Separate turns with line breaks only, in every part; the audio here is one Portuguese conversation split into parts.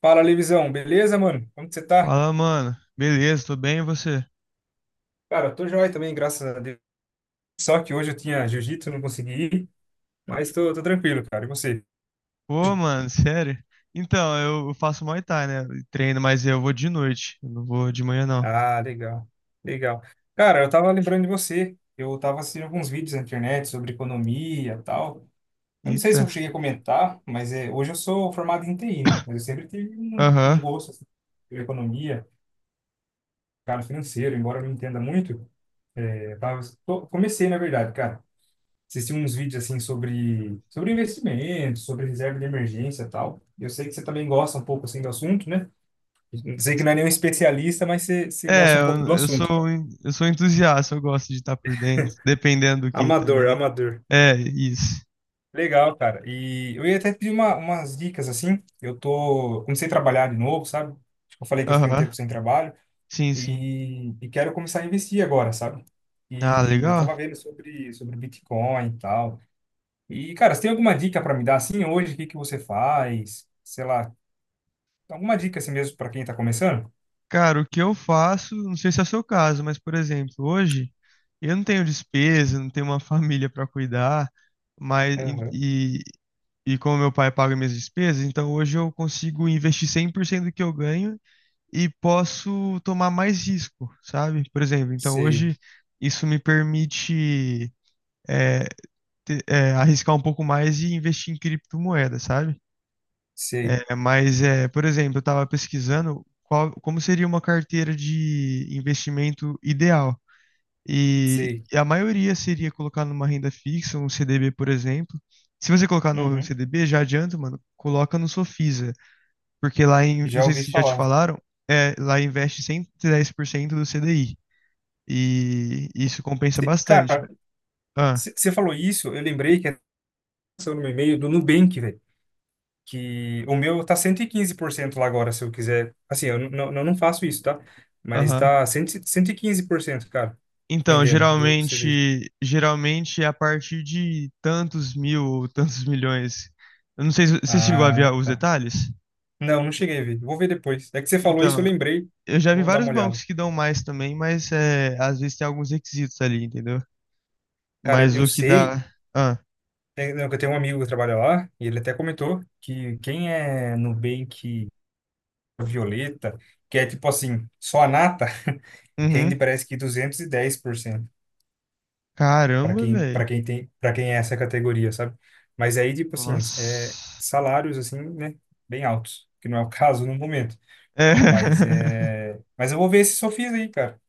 Fala, Levisão, beleza, mano? Como que você tá?
Fala, mano. Beleza, tô bem, e você?
Cara, eu tô joia também, graças a Deus. Só que hoje eu tinha jiu-jitsu, não consegui ir, mas tô tranquilo, cara. E você?
Pô, mano, sério? Então, eu faço Muay Thai, né? Eu treino, mas eu vou de noite. Eu não vou de manhã, não.
Ah, legal, legal. Cara, eu tava lembrando de você. Eu tava assistindo alguns vídeos na internet sobre economia e tal. Eu não sei se
Eita.
eu cheguei a comentar, mas é, hoje eu sou formado em TI, né? Mas eu sempre tive um,
Aham.
um gosto assim, por economia, cara, financeiro, embora eu não entenda muito. Comecei, na verdade, cara. Assisti uns vídeos assim sobre investimento, sobre reserva de emergência e tal. Eu sei que você também gosta um pouco assim do assunto, né? Sei que não é nenhum especialista, mas você gosta
É,
um pouco do
eu, eu
assunto, cara.
sou, en- eu sou um entusiasta, eu gosto de estar por dentro, dependendo do que
Amador,
também.
amador.
É, isso.
Legal, cara. E eu ia até pedir umas dicas assim. Comecei a trabalhar de novo, sabe? Acho que eu falei que eu fiquei um
Aham.
tempo sem trabalho
Sim, sim.
e quero começar a investir agora, sabe?
Ah,
E eu
legal.
tava vendo sobre Bitcoin e tal. E, cara, você tem alguma dica para me dar assim hoje? O que que você faz? Sei lá, então, alguma dica assim mesmo para quem está começando?
Cara, o que eu faço, não sei se é o seu caso, mas, por exemplo, hoje eu não tenho despesa, não tenho uma família para cuidar, mas
Aham.
e e como meu pai paga minhas despesas, então hoje eu consigo investir 100% do que eu ganho e posso tomar mais risco, sabe? Por exemplo, então
Sei,
hoje isso me permite, é, arriscar um pouco mais e investir em criptomoeda, sabe?
sei,
É, mas, é, por exemplo, eu estava pesquisando qual, como seria uma carteira de investimento ideal. E
sei.
a maioria seria colocar numa renda fixa, um CDB, por exemplo. Se você colocar no
Uhum.
CDB, já adianta, mano, coloca no Sofisa. Porque lá, não
Já
sei
ouvi
se já te
falar.
falaram, lá investe 110% do CDI. E isso compensa bastante.
Cara,
Ah,
você falou isso, eu lembrei que aconteceu no meu e-mail do Nubank, velho. Que o meu tá 115% lá agora, se eu quiser. Assim, não, não não faço isso, tá? Mas
aham.
tá cem cento e quinze por cento, cara,
Então,
rendendo do CD.
geralmente é a partir de tantos mil ou tantos milhões. Eu não sei se você chegou a ver
Ah,
os
tá.
detalhes.
Não, não cheguei a ver. Vou ver depois. É que você falou isso, eu
Então,
lembrei.
eu já vi
Vou dar
vários
uma olhada.
bancos que dão mais também, mas, às vezes tem alguns requisitos ali, entendeu?
Cara, eu
Mas
eu
o que dá.
sei.
Ah,
Não, eu tenho um amigo que trabalha lá e ele até comentou que quem é Nubank Violeta, que é tipo assim, só a nata,
uhum.
rende parece que 210% para
Caramba,
quem para
velho.
quem tem para quem é essa categoria, sabe? Mas aí tipo assim, é
Nossa.
salários assim, né, bem altos, que não é o caso no momento,
É.
mas é, eu vou ver esse Sofia aí, cara.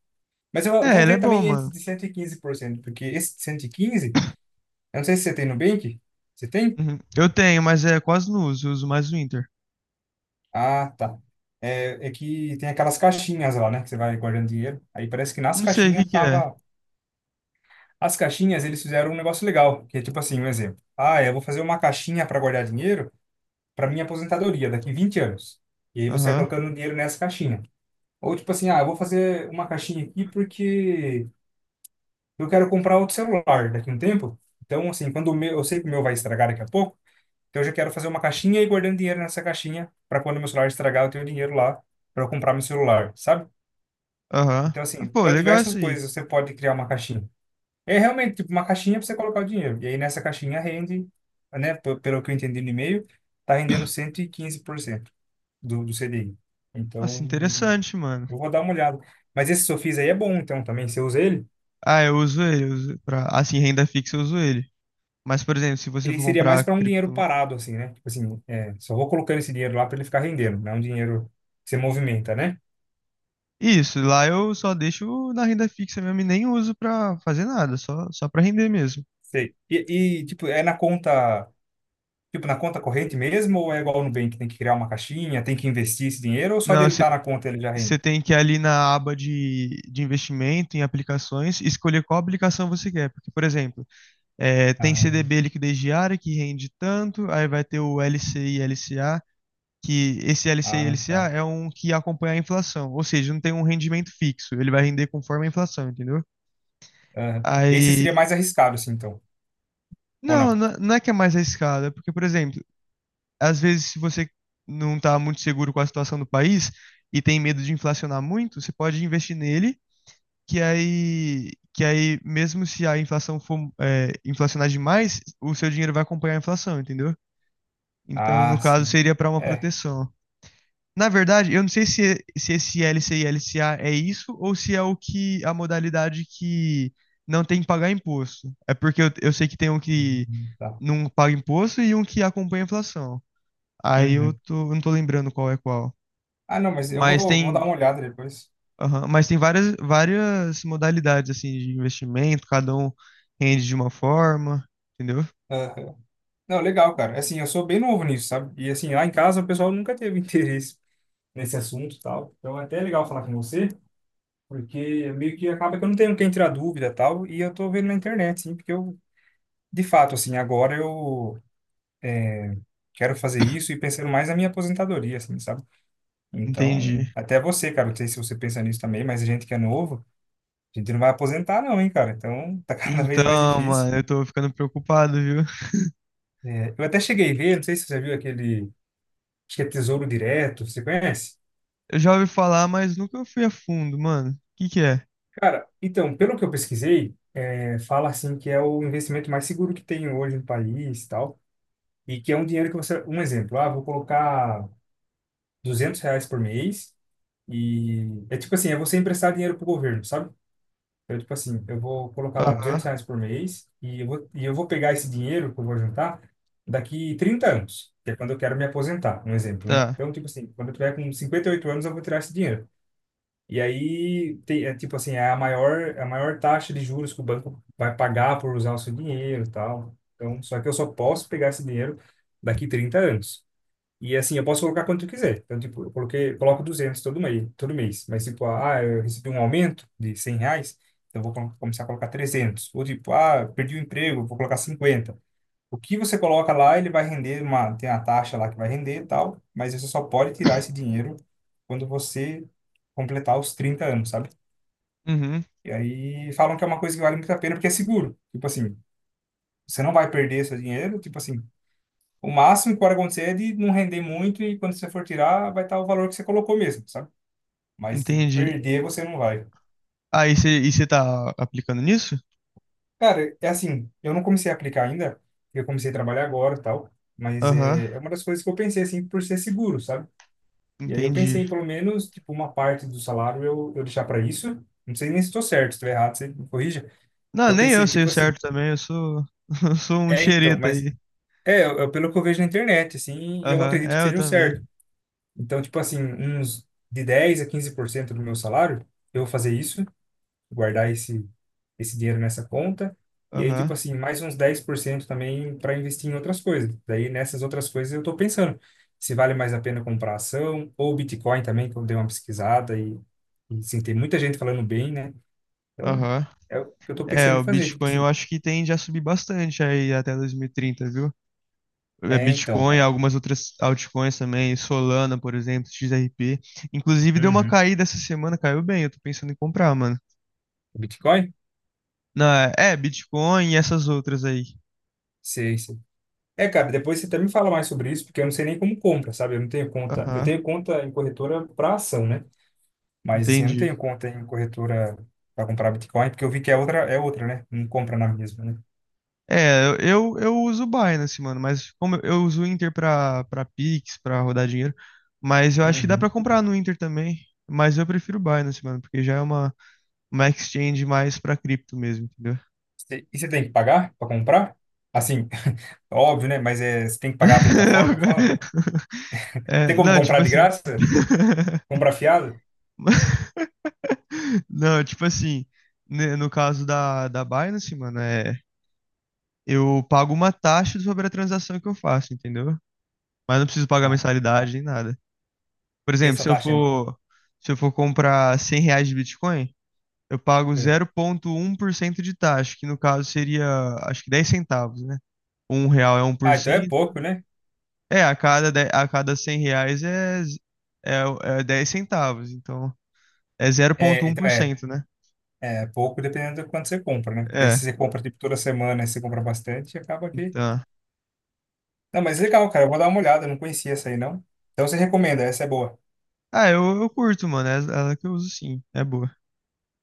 Mas eu
É,
vou
ele é
ver
bom,
também esse
mano.
de 115%, porque esse de 115, eu não sei se você tem Nubank, você tem?
Uhum. Eu tenho, mas é quase não uso, eu uso mais o Inter.
Ah, tá. É que tem aquelas caixinhas lá, né? Que você vai guardando dinheiro. Aí parece que nas
Não sei o que
caixinhas
que é.
tava. As caixinhas, eles fizeram um negócio legal, que é tipo assim, um exemplo. Ah, eu vou fazer uma caixinha para guardar dinheiro para minha aposentadoria daqui 20 anos. E aí você vai
Aham,
colocando dinheiro nessa caixinha. Ou tipo assim, ah, eu vou fazer uma caixinha aqui porque eu quero comprar outro celular daqui a um tempo. Então, assim, quando o meu, eu sei que o meu vai estragar daqui a pouco, então eu já quero fazer uma caixinha e ir guardando dinheiro nessa caixinha para quando o meu celular estragar, eu ter o dinheiro lá para comprar meu celular, sabe?
aham.
Então,
Ah,
assim,
pô,
para
legal
diversas
isso aí.
coisas você pode criar uma caixinha. É realmente tipo uma caixinha para você colocar o dinheiro. E aí nessa caixinha rende, né, pelo que eu entendi no e-mail, tá rendendo 115% do CDI. Então,
Nossa, interessante, mano.
eu vou dar uma olhada. Mas esse Sofis aí é bom, então, também. Se eu usa ele,
Ah, eu uso ele, eu uso pra, assim, renda fixa eu uso ele. Mas, por exemplo, se você
ele
for
seria mais
comprar
para um dinheiro
cripto,
parado, assim, né? Tipo assim, é, só vou colocando esse dinheiro lá para ele ficar rendendo. Não é um dinheiro que você movimenta, né?
isso, lá eu só deixo na renda fixa mesmo e nem uso pra fazer nada, só pra render mesmo.
Sei. E, tipo, é na conta. Tipo, na conta corrente mesmo, ou é igual no Nubank, tem que criar uma caixinha, tem que investir esse dinheiro, ou só
Não,
dele estar na conta ele já rende?
você tem que ir ali na aba de investimento em aplicações e escolher qual aplicação você quer. Porque, por exemplo, tem
Ah,
CDB liquidez diária que rende tanto, aí vai ter o LCI e LCA, que esse LCI e LCA
tá.
é um que acompanha a inflação, ou seja, não tem um rendimento fixo, ele vai render conforme a inflação, entendeu?
Aham. Esse seria
Aí.
mais arriscado, assim, então, ou não?
Não, não, não é que é mais arriscado, é porque, por exemplo, às vezes se você não está muito seguro com a situação do país e tem medo de inflacionar muito, você pode investir nele, que aí mesmo se a inflação for, inflacionar demais, o seu dinheiro vai acompanhar a inflação, entendeu? Então, no
Ah,
caso,
sim.
seria para uma
É.
proteção. Na verdade, eu não sei se esse LC e LCA é isso ou se é o que a modalidade que não tem que pagar imposto. É porque eu sei que tem um que
Uhum, tá.
não paga imposto e um que acompanha a inflação. Aí
Uhum.
eu não tô lembrando qual é qual.
Ah, não, mas eu
Mas
vou, vou dar
tem,
uma olhada depois.
aham, mas tem várias modalidades assim de investimento, cada um rende de uma forma, entendeu?
Aham. Não, legal, cara. Assim, eu sou bem novo nisso, sabe? E assim, lá em casa o pessoal nunca teve interesse nesse assunto e tal. Então é até legal falar com você, porque meio que acaba que eu não tenho quem tirar dúvida e tal, e eu tô vendo na internet, sim, porque eu de fato, assim, agora eu quero fazer isso e pensando mais na minha aposentadoria, assim, sabe? Então,
Entendi.
até você, cara, não sei se você pensa nisso também, mas a gente que é novo, a gente não vai aposentar não, hein, cara? Então, tá cada vez mais
Então,
difícil.
mano, eu tô ficando preocupado, viu?
É, eu até cheguei a ver, não sei se você viu aquele, acho que é Tesouro Direto, você conhece?
Eu já ouvi falar, mas nunca fui a fundo, mano. O que que é?
Cara, então, pelo que eu pesquisei, é, fala assim que é o investimento mais seguro que tem hoje no país e tal, e que é um dinheiro que você, um exemplo, ah, vou colocar R$ 200 por mês. E é tipo assim, é você emprestar dinheiro pro governo, sabe? Então, tipo assim, eu vou colocar lá
Ah,
R$ 200 por mês e eu vou pegar esse dinheiro que eu vou juntar daqui 30 anos, que é quando eu quero me aposentar, um exemplo, né?
tá.
Então, tipo assim, quando eu tiver com 58 anos, eu vou tirar esse dinheiro. E aí, tem, é, tipo assim, é a maior taxa de juros que o banco vai pagar por usar o seu dinheiro e tal. Então, só que eu só posso pegar esse dinheiro daqui 30 anos. E assim, eu posso colocar quanto eu quiser. Então, tipo, eu coloco 200 todo mês, todo mês. Mas, tipo, eu recebi um aumento de R$ 100, então eu vou começar a colocar 300. Ou, tipo, ah, perdi o emprego, vou colocar 50. O que você coloca lá, ele vai render uma, tem uma taxa lá que vai render e tal, mas você só pode tirar esse dinheiro quando você completar os 30 anos, sabe?
Uhum,
E aí falam que é uma coisa que vale muito a pena porque é seguro. Tipo assim, você não vai perder esse dinheiro, tipo assim, o máximo que pode acontecer é de não render muito e quando você for tirar, vai estar o valor que você colocou mesmo, sabe? Mas, tipo,
entendi.
perder você não vai.
Aí você tá aplicando nisso?
Cara, é assim, eu não comecei a aplicar ainda, eu comecei a trabalhar agora e tal, mas
Aham,
é uma das coisas que eu pensei, assim, por ser seguro, sabe? E aí eu
entendi.
pensei, pelo menos, tipo, uma parte do salário eu deixar para isso. Não sei nem se estou certo, se estou errado, você me corrija.
Não,
Eu
nem eu
pensei,
sei o
tipo assim,
certo também, eu sou, eu sou um
é então,
xereta
mas
aí.
é pelo que eu vejo na internet, assim, e eu
Aham,
acredito que
é, eu
seja o
também.
certo. Então, tipo assim, uns de 10 a 15% do meu salário, eu vou fazer isso, guardar esse dinheiro nessa conta. E aí,
Aham,
tipo assim, mais uns 10% também para investir em outras coisas. Daí, nessas outras coisas, eu estou pensando se vale mais a pena comprar ação ou Bitcoin também, que eu dei uma pesquisada e sim, tem muita gente falando bem, né? Então,
aham.
é o que eu estou
É,
pensando em
o
fazer, tipo
Bitcoin eu
assim.
acho que tem já subir bastante aí até 2030, viu? É,
É, então.
Bitcoin,
É,
algumas outras altcoins também, Solana, por exemplo, XRP. Inclusive deu uma
uhum.
caída essa semana, caiu bem, eu tô pensando em comprar, mano.
Bitcoin?
Não, Bitcoin e essas outras aí.
Sei, sei. É, cara, depois você até me fala mais sobre isso, porque eu não sei nem como compra, sabe? Eu não tenho conta. Eu
Aham,
tenho conta em corretora para ação, né? Mas assim, eu não tenho
entendi.
conta em corretora para comprar Bitcoin, porque eu vi que é outra, né? Não compra na mesma, né?
É, eu uso o Binance, mano, mas como eu uso o Inter pra Pix, pra rodar dinheiro, mas eu acho que dá pra
Uhum.
comprar no Inter também, mas eu prefiro o Binance, mano, porque já é uma exchange mais pra cripto mesmo, entendeu?
E você tem que pagar para comprar? Assim, óbvio, né? Mas é, você tem que pagar a plataforma, fala. Tem
É,
como
não, tipo
comprar de
assim.
graça? Comprar fiado?
Não, tipo assim, né, no caso da Binance, mano, eu pago uma taxa sobre a transação que eu faço, entendeu? Mas não preciso pagar
Ah, tá.
mensalidade nem nada. Por
E
exemplo,
essa taxa
se eu for comprar 100 reais de Bitcoin, eu pago
é.
zero vírgula um por cento de taxa, que no caso seria, acho que 10 centavos, né? Um real é um por
Ah, então é
cento.
pouco, né?
É, a cada 100 reais é 10 centavos. Então, é zero
É,
vírgula um
então
por
é.
cento, né?
É pouco dependendo do quanto você compra, né? Porque
É,
se você compra tipo toda semana e você compra bastante, acaba que.
então...
Não, mas é legal, cara. Eu vou dar uma olhada. Eu não conhecia essa aí, não. Então você recomenda, essa é boa.
Ah, eu curto, mano. É ela que eu uso sim. É boa.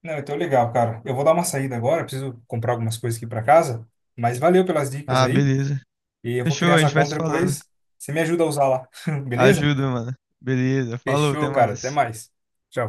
Não, então legal, cara. Eu vou dar uma saída agora. Preciso comprar algumas coisas aqui para casa. Mas valeu pelas dicas
Ah,
aí.
beleza.
E eu vou
Fechou,
criar
a
essa
gente vai se
conta
falando.
depois. Você me ajuda a usar lá. Beleza?
Ajuda, mano. Beleza, falou, até
Fechou, cara. Até
mais.
mais. Tchau.